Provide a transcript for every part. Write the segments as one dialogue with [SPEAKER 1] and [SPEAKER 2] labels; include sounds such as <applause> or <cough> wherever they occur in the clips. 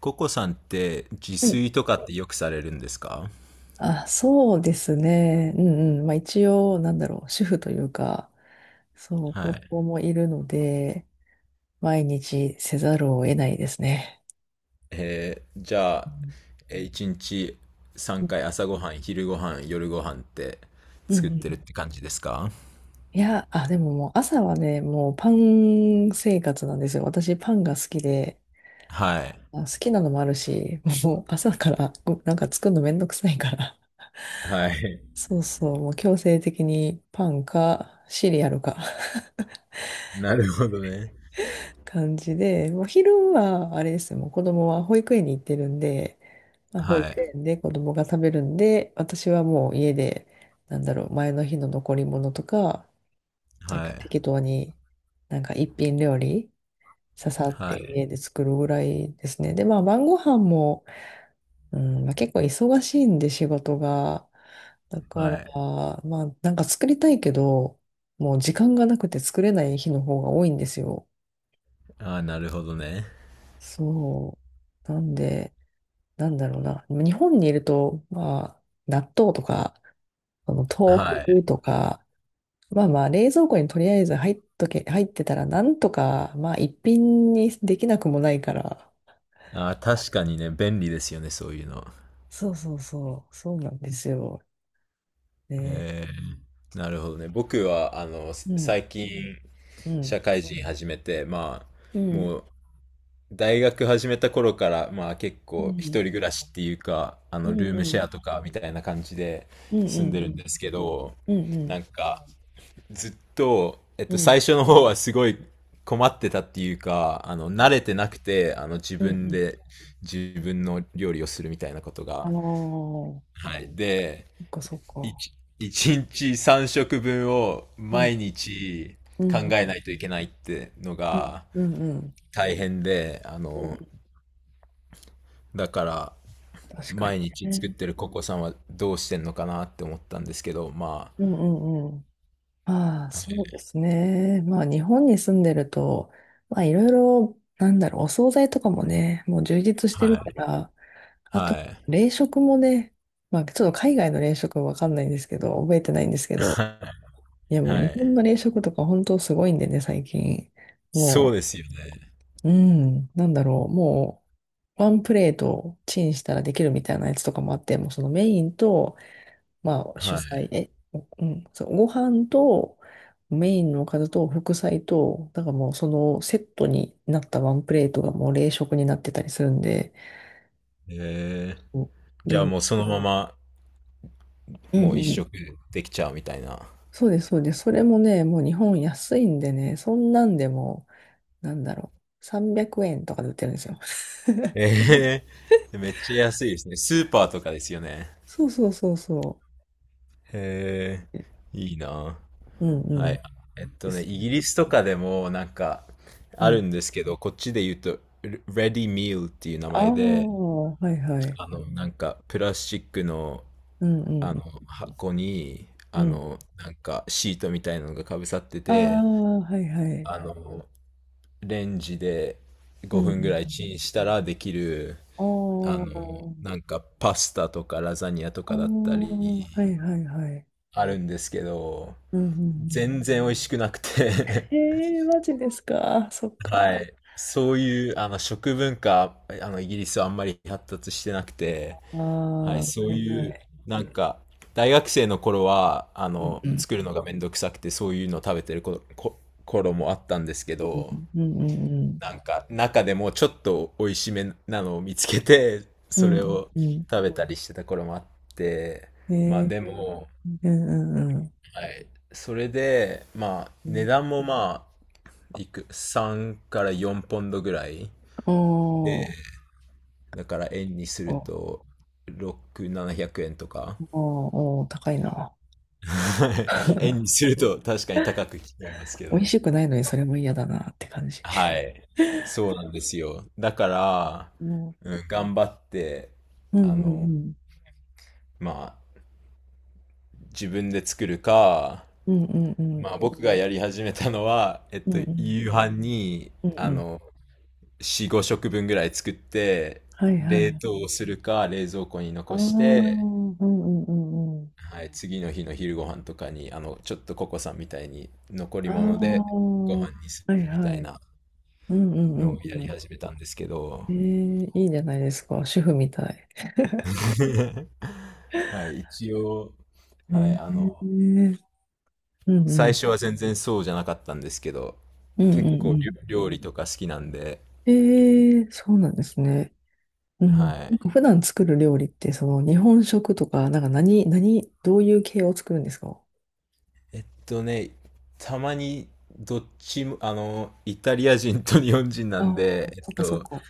[SPEAKER 1] ココさんって自
[SPEAKER 2] はい。
[SPEAKER 1] 炊とかってよくされるんですか？
[SPEAKER 2] あ、そうですね。うんうん。まあ一応、なんだろう、主婦というか、そう、
[SPEAKER 1] は
[SPEAKER 2] 子
[SPEAKER 1] い。
[SPEAKER 2] 供もいるので、毎日せざるを得ないですね。
[SPEAKER 1] じゃ
[SPEAKER 2] う
[SPEAKER 1] あ、
[SPEAKER 2] ん
[SPEAKER 1] 一日
[SPEAKER 2] う
[SPEAKER 1] 三回
[SPEAKER 2] ん
[SPEAKER 1] 朝ごはん、昼ごはん、夜ごはんって
[SPEAKER 2] うんう
[SPEAKER 1] 作ってる
[SPEAKER 2] ん、
[SPEAKER 1] って感じですか？
[SPEAKER 2] いや、あ、でももう朝はね、もうパン生活なんですよ。私パンが好きで、
[SPEAKER 1] はい。
[SPEAKER 2] あ、好きなのもあるし、<laughs> もう朝からごなんか作るのめんどくさいから。
[SPEAKER 1] はい。
[SPEAKER 2] そうそう、もう強制的にパンかシリアルか。
[SPEAKER 1] <laughs> なるほどね。
[SPEAKER 2] 感じで、もう昼はあれですよ、もう子供は保育園に行ってるんで、まあ、
[SPEAKER 1] は
[SPEAKER 2] 保育
[SPEAKER 1] い。
[SPEAKER 2] 園で子供が食べるんで、私はもう家で、なんだろう、前の日の残り物とか、なん
[SPEAKER 1] は
[SPEAKER 2] か
[SPEAKER 1] い。
[SPEAKER 2] 適当に、なんか一品料理、ささっ
[SPEAKER 1] は
[SPEAKER 2] て
[SPEAKER 1] い。
[SPEAKER 2] 家で作るぐらいですね。で、まあ晩ご飯も、うん、まあ、結構忙しいんで仕事が。だから、
[SPEAKER 1] はい。
[SPEAKER 2] まあなんか作りたいけど、もう時間がなくて作れない日の方が多いんですよ。
[SPEAKER 1] ああ、なるほどね。
[SPEAKER 2] そう。なんで、なんだろうな。日本にいると、まあ、納豆とか、その
[SPEAKER 1] はい。
[SPEAKER 2] 豆腐とか、まあまあ、冷蔵庫にとりあえず入っとけ、入ってたら、なんとか、まあ、一品にできなくもないから。
[SPEAKER 1] ああ、確かにね、便利ですよね、そういうの。
[SPEAKER 2] そうそうそう、そうなんですよ。ね。
[SPEAKER 1] え、なるほどね。僕は、
[SPEAKER 2] うん、
[SPEAKER 1] 最近、
[SPEAKER 2] うん、
[SPEAKER 1] 社会人始めて、
[SPEAKER 2] う
[SPEAKER 1] あ、
[SPEAKER 2] ん、
[SPEAKER 1] もう大学始めた頃から、まあ結
[SPEAKER 2] う
[SPEAKER 1] 構一
[SPEAKER 2] ん、
[SPEAKER 1] 人暮らしっていうか、
[SPEAKER 2] うん、う
[SPEAKER 1] ルー
[SPEAKER 2] ん、う
[SPEAKER 1] ムシェ
[SPEAKER 2] ん、
[SPEAKER 1] アとかみたいな感じで
[SPEAKER 2] うん、
[SPEAKER 1] 住んでるん
[SPEAKER 2] う
[SPEAKER 1] ですけど、
[SPEAKER 2] ん、う
[SPEAKER 1] な
[SPEAKER 2] ん、
[SPEAKER 1] んかずっと、
[SPEAKER 2] う
[SPEAKER 1] 最
[SPEAKER 2] ん、
[SPEAKER 1] 初の方はすごい困ってたっていうか、慣れてなくて、自
[SPEAKER 2] うん、う
[SPEAKER 1] 分
[SPEAKER 2] ん。
[SPEAKER 1] で自分の料理をするみたいなこと
[SPEAKER 2] あ
[SPEAKER 1] が。
[SPEAKER 2] の
[SPEAKER 1] はい。で、
[SPEAKER 2] そっかそっ
[SPEAKER 1] い
[SPEAKER 2] か。
[SPEAKER 1] ち一日3食分を
[SPEAKER 2] うん、
[SPEAKER 1] 毎日
[SPEAKER 2] う
[SPEAKER 1] 考
[SPEAKER 2] ん、う
[SPEAKER 1] えないといけないっての
[SPEAKER 2] ん、
[SPEAKER 1] が
[SPEAKER 2] うん、うん。
[SPEAKER 1] 大変で、
[SPEAKER 2] うん、
[SPEAKER 1] だから、
[SPEAKER 2] 確かに
[SPEAKER 1] 毎日作っ
[SPEAKER 2] ね。
[SPEAKER 1] てるココさんはどうしてんのかなって思ったんですけど、ま
[SPEAKER 2] うん、うん、うん。ああ、
[SPEAKER 1] あ、
[SPEAKER 2] そうですね。まあ、日本に住んでると、まあ、いろいろ、なんだろう、お惣菜とかもね、もう充実して
[SPEAKER 1] は
[SPEAKER 2] るか
[SPEAKER 1] い、
[SPEAKER 2] ら、あと、
[SPEAKER 1] はい、
[SPEAKER 2] 冷食もね、まあ、ちょっと海外の冷食はわかんないんですけど、覚えてないんですけ
[SPEAKER 1] は
[SPEAKER 2] ど、いや、
[SPEAKER 1] い、
[SPEAKER 2] もう
[SPEAKER 1] は
[SPEAKER 2] 日
[SPEAKER 1] い。
[SPEAKER 2] 本の冷食とか本当すごいんでね、最近。
[SPEAKER 1] そう
[SPEAKER 2] も
[SPEAKER 1] ですよね。
[SPEAKER 2] う、うん、なんだろう、もう、ワンプレートチンしたらできるみたいなやつとかもあって、もうそのメインと、まあ、主菜、
[SPEAKER 1] は
[SPEAKER 2] え、うん、そう、ご飯とメインのおかずと副菜と、だからもうそのセットになったワンプレートがもう冷食になってたりするんで、
[SPEAKER 1] い。
[SPEAKER 2] そうん
[SPEAKER 1] じゃあ
[SPEAKER 2] メ
[SPEAKER 1] もうそのまま、
[SPEAKER 2] うんう
[SPEAKER 1] もう一
[SPEAKER 2] ん。
[SPEAKER 1] 食できちゃうみたいな。
[SPEAKER 2] そうです、そうです。それもね、もう日本安いんでね、そんなんでも、なんだろう、300円とかで売ってるんですよ。<laughs>
[SPEAKER 1] え、めっちゃ安いですね。スーパーとかですよね。
[SPEAKER 2] そうそうそうそ
[SPEAKER 1] へ
[SPEAKER 2] う。
[SPEAKER 1] え、いいな。
[SPEAKER 2] うん
[SPEAKER 1] は
[SPEAKER 2] う
[SPEAKER 1] い。
[SPEAKER 2] ん。
[SPEAKER 1] えっ
[SPEAKER 2] で
[SPEAKER 1] とね、
[SPEAKER 2] す
[SPEAKER 1] イ
[SPEAKER 2] ね。
[SPEAKER 1] ギリスとかでもなんか
[SPEAKER 2] う
[SPEAKER 1] あ
[SPEAKER 2] ん。
[SPEAKER 1] るんですけど、こっちで言うと、レディミールっていう名
[SPEAKER 2] ああ、
[SPEAKER 1] 前で、
[SPEAKER 2] はいはい。
[SPEAKER 1] なんかプラスチックの、
[SPEAKER 2] うんう
[SPEAKER 1] あの
[SPEAKER 2] ん。
[SPEAKER 1] 箱に、
[SPEAKER 2] うん。
[SPEAKER 1] なんかシートみたいなのがかぶさって
[SPEAKER 2] あ
[SPEAKER 1] て、
[SPEAKER 2] あ、はいはい。
[SPEAKER 1] あの、レンジで
[SPEAKER 2] うんう
[SPEAKER 1] 5分ぐ
[SPEAKER 2] ん。
[SPEAKER 1] らいチンしたらできる、
[SPEAKER 2] あ
[SPEAKER 1] あ
[SPEAKER 2] あ、
[SPEAKER 1] の、なんかパスタとかラザニアと
[SPEAKER 2] あ
[SPEAKER 1] か
[SPEAKER 2] あ、
[SPEAKER 1] だったり、
[SPEAKER 2] はいはいはい。
[SPEAKER 1] あるんですけど、
[SPEAKER 2] うんうんうん。
[SPEAKER 1] 全然美味しくなくて。
[SPEAKER 2] へえ、マジですか。そっ
[SPEAKER 1] <laughs> は
[SPEAKER 2] か。
[SPEAKER 1] い。そういう、食文化、イギリスはあんまり発達してなくて、
[SPEAKER 2] あ
[SPEAKER 1] はい、
[SPEAKER 2] あ、は
[SPEAKER 1] そう
[SPEAKER 2] いは
[SPEAKER 1] いう、
[SPEAKER 2] い。
[SPEAKER 1] なんか、大学生の頃は、
[SPEAKER 2] うんうん
[SPEAKER 1] 作るのがめんどくさくて、そういうの食べてる頃もあったんですけど、
[SPEAKER 2] うんうん
[SPEAKER 1] なんか、中でもちょっと美味しめなのを見つけて、
[SPEAKER 2] う
[SPEAKER 1] そ
[SPEAKER 2] ん
[SPEAKER 1] れ
[SPEAKER 2] う
[SPEAKER 1] を
[SPEAKER 2] んうん
[SPEAKER 1] 食べたりしてた頃もあって、
[SPEAKER 2] うん。
[SPEAKER 1] まあ
[SPEAKER 2] へ
[SPEAKER 1] で
[SPEAKER 2] え、
[SPEAKER 1] も、
[SPEAKER 2] うんうんうん
[SPEAKER 1] はい。それで、まあ、
[SPEAKER 2] う
[SPEAKER 1] 値
[SPEAKER 2] ん。
[SPEAKER 1] 段もまあ、3から4ポンドぐらい。
[SPEAKER 2] お
[SPEAKER 1] で、
[SPEAKER 2] ー、
[SPEAKER 1] だから円にする
[SPEAKER 2] お、
[SPEAKER 1] と、6、700円とか。<laughs>
[SPEAKER 2] お、おー、高いな。
[SPEAKER 1] はい、円に
[SPEAKER 2] <laughs>
[SPEAKER 1] すると確かに高く聞こえますけ
[SPEAKER 2] 美
[SPEAKER 1] ど。
[SPEAKER 2] 味しくないのにそれも嫌だなって感じ。
[SPEAKER 1] はい。そうなんですよ。だから、
[SPEAKER 2] うん、うん
[SPEAKER 1] うん、頑張って、
[SPEAKER 2] う
[SPEAKER 1] あ
[SPEAKER 2] ん
[SPEAKER 1] の、
[SPEAKER 2] うん。
[SPEAKER 1] まあ、自分で作るか、
[SPEAKER 2] うんうんうん。
[SPEAKER 1] まあ僕がやり始めたのは、えっ
[SPEAKER 2] う
[SPEAKER 1] と、
[SPEAKER 2] んうん
[SPEAKER 1] 夕飯に、
[SPEAKER 2] うんうん。
[SPEAKER 1] 4、5食分ぐらい作って、
[SPEAKER 2] はいは
[SPEAKER 1] 冷
[SPEAKER 2] い。
[SPEAKER 1] 凍するか、冷蔵庫に
[SPEAKER 2] ああ、
[SPEAKER 1] 残
[SPEAKER 2] う
[SPEAKER 1] して、
[SPEAKER 2] んうんうんうん。
[SPEAKER 1] はい、次の日の昼ご飯とかに、ちょっとココさんみたいに残り
[SPEAKER 2] ああ、
[SPEAKER 1] 物でご
[SPEAKER 2] は
[SPEAKER 1] 飯にす
[SPEAKER 2] い
[SPEAKER 1] るみた
[SPEAKER 2] は
[SPEAKER 1] い
[SPEAKER 2] い。
[SPEAKER 1] な
[SPEAKER 2] うんうんう
[SPEAKER 1] のを
[SPEAKER 2] ん
[SPEAKER 1] や
[SPEAKER 2] う
[SPEAKER 1] り
[SPEAKER 2] ん。
[SPEAKER 1] 始めたんですけど、
[SPEAKER 2] ええ、いいじゃないですか。主婦みたい。
[SPEAKER 1] <laughs> はい、一応、
[SPEAKER 2] え
[SPEAKER 1] は
[SPEAKER 2] え
[SPEAKER 1] い、
[SPEAKER 2] うんうん。う
[SPEAKER 1] 最
[SPEAKER 2] ん
[SPEAKER 1] 初は全然そうじゃなかったんですけど、
[SPEAKER 2] うんう
[SPEAKER 1] 結構
[SPEAKER 2] ん。
[SPEAKER 1] 料理とか好きなんで、
[SPEAKER 2] ええ、そうなんですね。うん。
[SPEAKER 1] は
[SPEAKER 2] なん
[SPEAKER 1] い。
[SPEAKER 2] か普段作る料理って、その日本食とか、なんか何、何、どういう系を作るんですか？
[SPEAKER 1] えっとね、たまにどっちも、イタリア人と日本人な
[SPEAKER 2] ああ
[SPEAKER 1] んで、
[SPEAKER 2] ー、
[SPEAKER 1] えっ
[SPEAKER 2] そっかそっ
[SPEAKER 1] と、
[SPEAKER 2] か。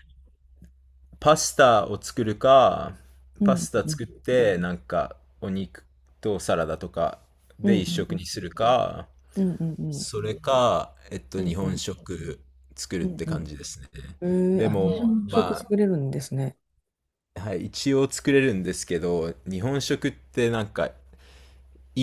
[SPEAKER 1] パスタを作るか、
[SPEAKER 2] う
[SPEAKER 1] パ
[SPEAKER 2] ん
[SPEAKER 1] スタ
[SPEAKER 2] うん
[SPEAKER 1] 作って、なんか、お肉とサラダとか
[SPEAKER 2] う
[SPEAKER 1] で
[SPEAKER 2] んう
[SPEAKER 1] 一
[SPEAKER 2] んう
[SPEAKER 1] 食
[SPEAKER 2] ん
[SPEAKER 1] にするか、
[SPEAKER 2] うんうん
[SPEAKER 1] それか、えっ
[SPEAKER 2] う
[SPEAKER 1] と、日
[SPEAKER 2] んう
[SPEAKER 1] 本
[SPEAKER 2] ん
[SPEAKER 1] 食作る
[SPEAKER 2] う
[SPEAKER 1] っ
[SPEAKER 2] ん
[SPEAKER 1] て
[SPEAKER 2] う
[SPEAKER 1] 感
[SPEAKER 2] ん
[SPEAKER 1] じですね。
[SPEAKER 2] うん。ええ、
[SPEAKER 1] で
[SPEAKER 2] あ、日
[SPEAKER 1] も、
[SPEAKER 2] 本食
[SPEAKER 1] まあ、
[SPEAKER 2] 作れるんですね。
[SPEAKER 1] はい、一応作れるんですけど、日本食ってなんか、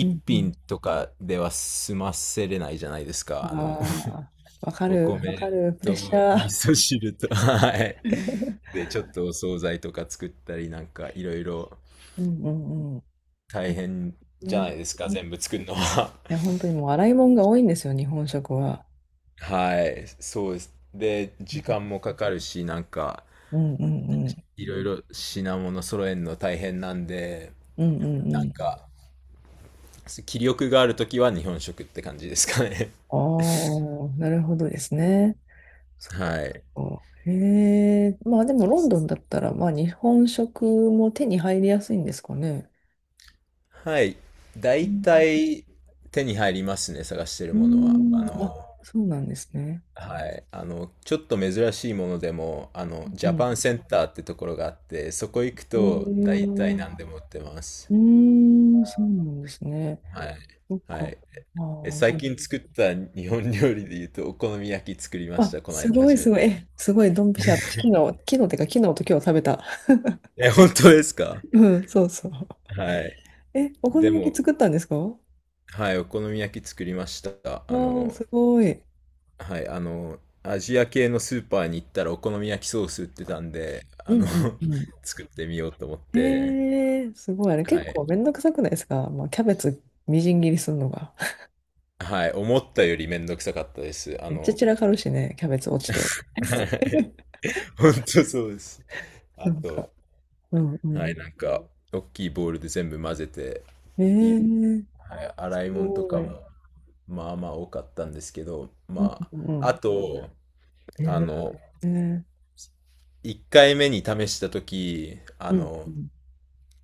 [SPEAKER 2] うん、
[SPEAKER 1] 品とかでは済ませれないじゃないですか。あの、
[SPEAKER 2] ああ、わ
[SPEAKER 1] <laughs>
[SPEAKER 2] か
[SPEAKER 1] お
[SPEAKER 2] る、わか
[SPEAKER 1] 米
[SPEAKER 2] る、プレ
[SPEAKER 1] と
[SPEAKER 2] ッシャ
[SPEAKER 1] 味
[SPEAKER 2] ー。
[SPEAKER 1] 噌汁と、はい。
[SPEAKER 2] <laughs>
[SPEAKER 1] で、ちょっとお惣菜とか作ったり、なんかいろいろ
[SPEAKER 2] うんうんうん。
[SPEAKER 1] 大変じゃ
[SPEAKER 2] ね、
[SPEAKER 1] ないですか、
[SPEAKER 2] ね、い
[SPEAKER 1] 全部作るのは。
[SPEAKER 2] や、本当にもう洗い物が多いんですよ、日本食は。
[SPEAKER 1] はい、そうです。で、時間もかかるし、なんか、
[SPEAKER 2] うんうんうん。
[SPEAKER 1] いろいろ品物揃えるの大変なんで、
[SPEAKER 2] うんうんう
[SPEAKER 1] なん
[SPEAKER 2] ん。
[SPEAKER 1] か、気力があるときは日本食って感じですかね。
[SPEAKER 2] ああ、なるほどですね。そっ
[SPEAKER 1] <laughs>
[SPEAKER 2] か
[SPEAKER 1] はい。
[SPEAKER 2] そっか。へえ、まあでもロンドンだったら、まあ日本食も手に入りやすいんですかね。
[SPEAKER 1] はい。
[SPEAKER 2] う
[SPEAKER 1] 大
[SPEAKER 2] ん、
[SPEAKER 1] 体手に入りますね、探してる
[SPEAKER 2] う
[SPEAKER 1] ものは。あ
[SPEAKER 2] ん、あ、
[SPEAKER 1] の、
[SPEAKER 2] そうなんですね。
[SPEAKER 1] はい。ちょっと珍しいものでも、ジ
[SPEAKER 2] う
[SPEAKER 1] ャ
[SPEAKER 2] ん。
[SPEAKER 1] パンセンターってところがあって、そこ行く
[SPEAKER 2] へ
[SPEAKER 1] と大
[SPEAKER 2] え、
[SPEAKER 1] 体何でも売ってます。
[SPEAKER 2] うん、そうなんですね。
[SPEAKER 1] はい。
[SPEAKER 2] そっ
[SPEAKER 1] は
[SPEAKER 2] か。
[SPEAKER 1] い。
[SPEAKER 2] あ
[SPEAKER 1] え、最
[SPEAKER 2] ー、
[SPEAKER 1] 近作った日本料理で言うと、お好み焼き作りまし
[SPEAKER 2] あ、
[SPEAKER 1] た、この
[SPEAKER 2] す
[SPEAKER 1] 間
[SPEAKER 2] ごい
[SPEAKER 1] 初め
[SPEAKER 2] すごい。
[SPEAKER 1] て。
[SPEAKER 2] え、すごい、ドンピシャ。私昨日、
[SPEAKER 1] <laughs>
[SPEAKER 2] 昨日ってか、昨日と今日食べた。
[SPEAKER 1] え、本当ですか？
[SPEAKER 2] <laughs> うん、そうそう。
[SPEAKER 1] <laughs> はい。
[SPEAKER 2] え、お好
[SPEAKER 1] で
[SPEAKER 2] み焼
[SPEAKER 1] も、
[SPEAKER 2] き作ったんですかわ
[SPEAKER 1] はい、お好み焼き作りました。あ
[SPEAKER 2] ー、
[SPEAKER 1] の、
[SPEAKER 2] すごい。
[SPEAKER 1] はい、アジア系のスーパーに行ったらお好み焼きソース売ってたんで、
[SPEAKER 2] う
[SPEAKER 1] あ
[SPEAKER 2] ん
[SPEAKER 1] の、
[SPEAKER 2] うんう
[SPEAKER 1] <laughs> 作ってみようと思っ
[SPEAKER 2] ん。
[SPEAKER 1] て、
[SPEAKER 2] えー、すごい。あれ
[SPEAKER 1] は
[SPEAKER 2] 結
[SPEAKER 1] い、
[SPEAKER 2] 構めんどくさくないですか？まあ、キャベツみじん切りするのが。<laughs>
[SPEAKER 1] はい、思ったよりめんどくさかったです。あ
[SPEAKER 2] めっちゃ
[SPEAKER 1] の、
[SPEAKER 2] 散らかるしね、キャベツ落ちて。
[SPEAKER 1] は
[SPEAKER 2] <laughs>
[SPEAKER 1] い、<laughs> 本当そうです。あ
[SPEAKER 2] なんか、
[SPEAKER 1] と、
[SPEAKER 2] うんう
[SPEAKER 1] はい、
[SPEAKER 2] ん。
[SPEAKER 1] なんか、大きいボウルで全部混ぜて、
[SPEAKER 2] え
[SPEAKER 1] い、
[SPEAKER 2] ー、
[SPEAKER 1] はい、
[SPEAKER 2] す
[SPEAKER 1] 洗い物と
[SPEAKER 2] ご
[SPEAKER 1] か
[SPEAKER 2] い。
[SPEAKER 1] も、まあまあ多かったんですけど、
[SPEAKER 2] うん
[SPEAKER 1] ま
[SPEAKER 2] うんう
[SPEAKER 1] あ、あ
[SPEAKER 2] ん。
[SPEAKER 1] と、
[SPEAKER 2] え
[SPEAKER 1] あ
[SPEAKER 2] ー、
[SPEAKER 1] の、
[SPEAKER 2] えー
[SPEAKER 1] 1回目に試した時あ
[SPEAKER 2] うん
[SPEAKER 1] の、
[SPEAKER 2] うん。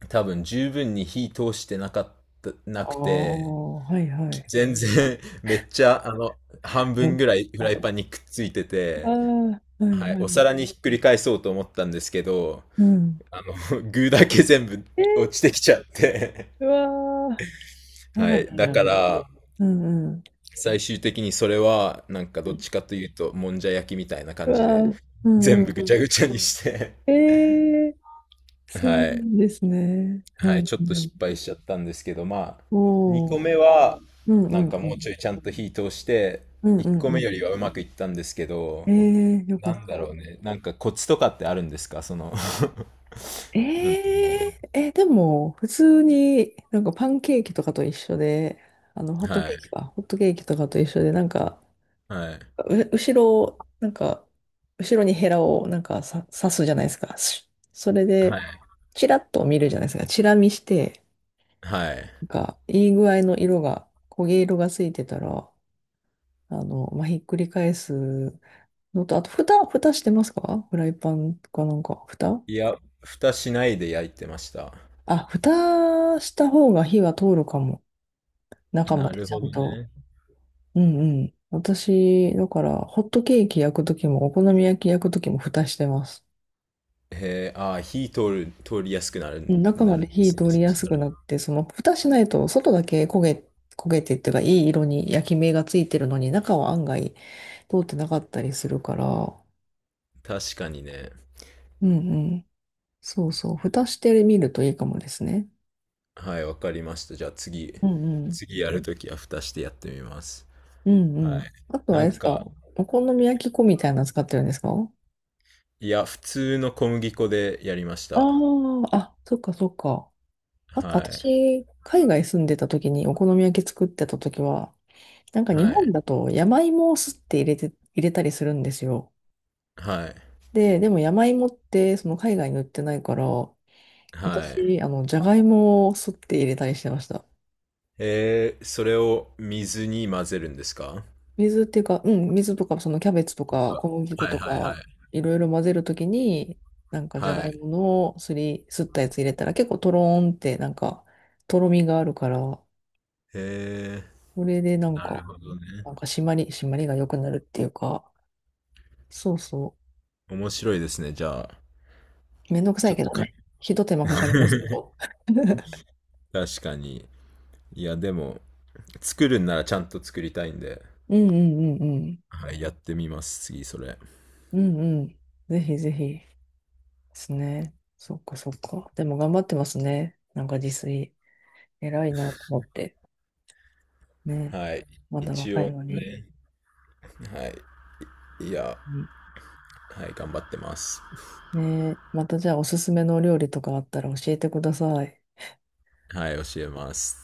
[SPEAKER 1] 多分十分に火通してなかったな
[SPEAKER 2] あ
[SPEAKER 1] くて、
[SPEAKER 2] あ、はいはい。
[SPEAKER 1] 全然 <laughs> めっちゃあの半分ぐらいフライパンにくっついて
[SPEAKER 2] ああ、
[SPEAKER 1] て、
[SPEAKER 2] はい
[SPEAKER 1] はい、
[SPEAKER 2] は
[SPEAKER 1] お皿
[SPEAKER 2] い。
[SPEAKER 1] にひっくり返そうと思ったんですけど、
[SPEAKER 2] うん。
[SPEAKER 1] あの <laughs> 具だけ全部
[SPEAKER 2] え
[SPEAKER 1] 落ち
[SPEAKER 2] ー、
[SPEAKER 1] てきちゃって、
[SPEAKER 2] うわー、あ
[SPEAKER 1] は
[SPEAKER 2] ら
[SPEAKER 1] い、
[SPEAKER 2] ら
[SPEAKER 1] だ
[SPEAKER 2] ら
[SPEAKER 1] か
[SPEAKER 2] ら。
[SPEAKER 1] ら
[SPEAKER 2] うんうん。
[SPEAKER 1] 最終的にそれはなんか
[SPEAKER 2] う
[SPEAKER 1] どっ
[SPEAKER 2] ん、
[SPEAKER 1] ちかというともんじゃ焼きみたいな
[SPEAKER 2] う
[SPEAKER 1] 感
[SPEAKER 2] わ
[SPEAKER 1] じで
[SPEAKER 2] ー、うん
[SPEAKER 1] 全
[SPEAKER 2] うん
[SPEAKER 1] 部
[SPEAKER 2] う
[SPEAKER 1] ぐちゃ
[SPEAKER 2] ん。
[SPEAKER 1] ぐちゃにして、
[SPEAKER 2] えー、そ
[SPEAKER 1] は
[SPEAKER 2] う
[SPEAKER 1] い。
[SPEAKER 2] ですね。う
[SPEAKER 1] はい、
[SPEAKER 2] ん
[SPEAKER 1] ちょっと
[SPEAKER 2] う
[SPEAKER 1] 失
[SPEAKER 2] ん。
[SPEAKER 1] 敗しちゃったんですけど、まあ、2個
[SPEAKER 2] おー、
[SPEAKER 1] 目は、
[SPEAKER 2] うんう
[SPEAKER 1] なん
[SPEAKER 2] ん
[SPEAKER 1] か
[SPEAKER 2] う
[SPEAKER 1] もう
[SPEAKER 2] ん。
[SPEAKER 1] ちょいちゃんと火通して、
[SPEAKER 2] うんう
[SPEAKER 1] 1
[SPEAKER 2] ん
[SPEAKER 1] 個
[SPEAKER 2] う
[SPEAKER 1] 目
[SPEAKER 2] ん。
[SPEAKER 1] よりはうまくいったんですけ
[SPEAKER 2] え
[SPEAKER 1] ど、
[SPEAKER 2] ー、よか
[SPEAKER 1] な
[SPEAKER 2] っ
[SPEAKER 1] んだろ
[SPEAKER 2] た。
[SPEAKER 1] うね、なんかコツとかってあるんですか、その <laughs> なんて
[SPEAKER 2] え
[SPEAKER 1] いうんだろう。
[SPEAKER 2] でも、普通になんかパンケーキとかと一緒で、あの、ホット
[SPEAKER 1] はい、
[SPEAKER 2] ケーキか、ホットケーキとかと一緒で、なんか、
[SPEAKER 1] はい、
[SPEAKER 2] う、後ろを、なんか、後ろにヘラをなんかさ刺すじゃないですか。し、それ
[SPEAKER 1] は
[SPEAKER 2] で、
[SPEAKER 1] い、
[SPEAKER 2] チラッと見るじゃないですか。チラ見して、
[SPEAKER 1] はい。
[SPEAKER 2] なんか、いい具合の色が、焦げ色がついてたら、あの、まあ、ひっくり返すのと、あと、蓋、蓋してますか？フライパンかなんか、蓋
[SPEAKER 1] いや、蓋しないで焼いてました。
[SPEAKER 2] あ、蓋した方が火は通るかも。中ま
[SPEAKER 1] な
[SPEAKER 2] で
[SPEAKER 1] る
[SPEAKER 2] ちゃ
[SPEAKER 1] ほ
[SPEAKER 2] ん
[SPEAKER 1] ど
[SPEAKER 2] と。
[SPEAKER 1] ね。
[SPEAKER 2] うんうん。私、だから、ホットケーキ焼くときも、お好み焼き焼くときも蓋してます。
[SPEAKER 1] へえ、ああ、火通る、通りやすくな
[SPEAKER 2] う
[SPEAKER 1] る、
[SPEAKER 2] ん、中
[SPEAKER 1] な
[SPEAKER 2] ま
[SPEAKER 1] る
[SPEAKER 2] で
[SPEAKER 1] んで
[SPEAKER 2] 火
[SPEAKER 1] すね、
[SPEAKER 2] 通
[SPEAKER 1] そ
[SPEAKER 2] りや
[SPEAKER 1] し
[SPEAKER 2] す
[SPEAKER 1] たら。
[SPEAKER 2] くなって、その蓋しないと外だけ焦げ、焦げてっていうかいい色に焼き目がついてるのに中は案外通ってなかったりするから、
[SPEAKER 1] 確かにね。
[SPEAKER 2] うんうん。そうそう。蓋してみるといいかもですね。
[SPEAKER 1] はい、わかりました。じゃあ次、
[SPEAKER 2] うんうん。
[SPEAKER 1] 次やるときは蓋してやってみます。
[SPEAKER 2] うんう
[SPEAKER 1] は
[SPEAKER 2] ん。
[SPEAKER 1] い。
[SPEAKER 2] あとはあ
[SPEAKER 1] な
[SPEAKER 2] れ
[SPEAKER 1] ん
[SPEAKER 2] ですか、
[SPEAKER 1] か、
[SPEAKER 2] お好み焼き粉みたいなの使ってるんですか？
[SPEAKER 1] いや、普通の小麦粉でやりまし
[SPEAKER 2] あ
[SPEAKER 1] た。
[SPEAKER 2] あ、あ、そっかそっか。あと、
[SPEAKER 1] はい。
[SPEAKER 2] 私、海外住んでた時にお好み焼き作ってた時は、なんか日
[SPEAKER 1] は
[SPEAKER 2] 本
[SPEAKER 1] い。
[SPEAKER 2] だと山芋をすって入れて、入れたりするんですよ。
[SPEAKER 1] はい。
[SPEAKER 2] で、でも山芋ってその海外に売ってないから、
[SPEAKER 1] はい。
[SPEAKER 2] 私、あの、じゃがいもをすって入れたりしてました。
[SPEAKER 1] それを水に混ぜるんですか？
[SPEAKER 2] 水っていうか、うん、水とか、そのキャベツと
[SPEAKER 1] と
[SPEAKER 2] か
[SPEAKER 1] か。
[SPEAKER 2] 小麦粉
[SPEAKER 1] はい
[SPEAKER 2] と
[SPEAKER 1] はいはい。
[SPEAKER 2] か、いろいろ混ぜるときに、なんかじゃ
[SPEAKER 1] は
[SPEAKER 2] が
[SPEAKER 1] い。
[SPEAKER 2] いものすり、すったやつ入れたら結構トローンってなんか、とろみがあるから、
[SPEAKER 1] え、
[SPEAKER 2] これでなん
[SPEAKER 1] なる
[SPEAKER 2] か、
[SPEAKER 1] ほどね。
[SPEAKER 2] なんか締まり、締まりが良くなるっていうか、そうそ
[SPEAKER 1] 面白いですね。じゃあ、
[SPEAKER 2] う。めんどくさ
[SPEAKER 1] ち
[SPEAKER 2] い
[SPEAKER 1] ょっ
[SPEAKER 2] け
[SPEAKER 1] と
[SPEAKER 2] ど
[SPEAKER 1] かい。
[SPEAKER 2] ね。ひと手間かかりますけ
[SPEAKER 1] <laughs>
[SPEAKER 2] ど。
[SPEAKER 1] 確かに。いや、でも、作るんならちゃんと作りたいんで、
[SPEAKER 2] うんうんうんうん。
[SPEAKER 1] はい、やってみます、次、それ。
[SPEAKER 2] うんうん。ぜひぜひ。ですね。そっかそっか。でも頑張ってますね。なんか自炊。偉いなと思って。ね。
[SPEAKER 1] はい。
[SPEAKER 2] まだ
[SPEAKER 1] 一
[SPEAKER 2] 若
[SPEAKER 1] 応
[SPEAKER 2] いのに。
[SPEAKER 1] ね、はい。いや、
[SPEAKER 2] うん、
[SPEAKER 1] はい、頑張ってます。
[SPEAKER 2] ね。またじゃあおすすめのお料理とかあったら教えてください。
[SPEAKER 1] はい、教えます。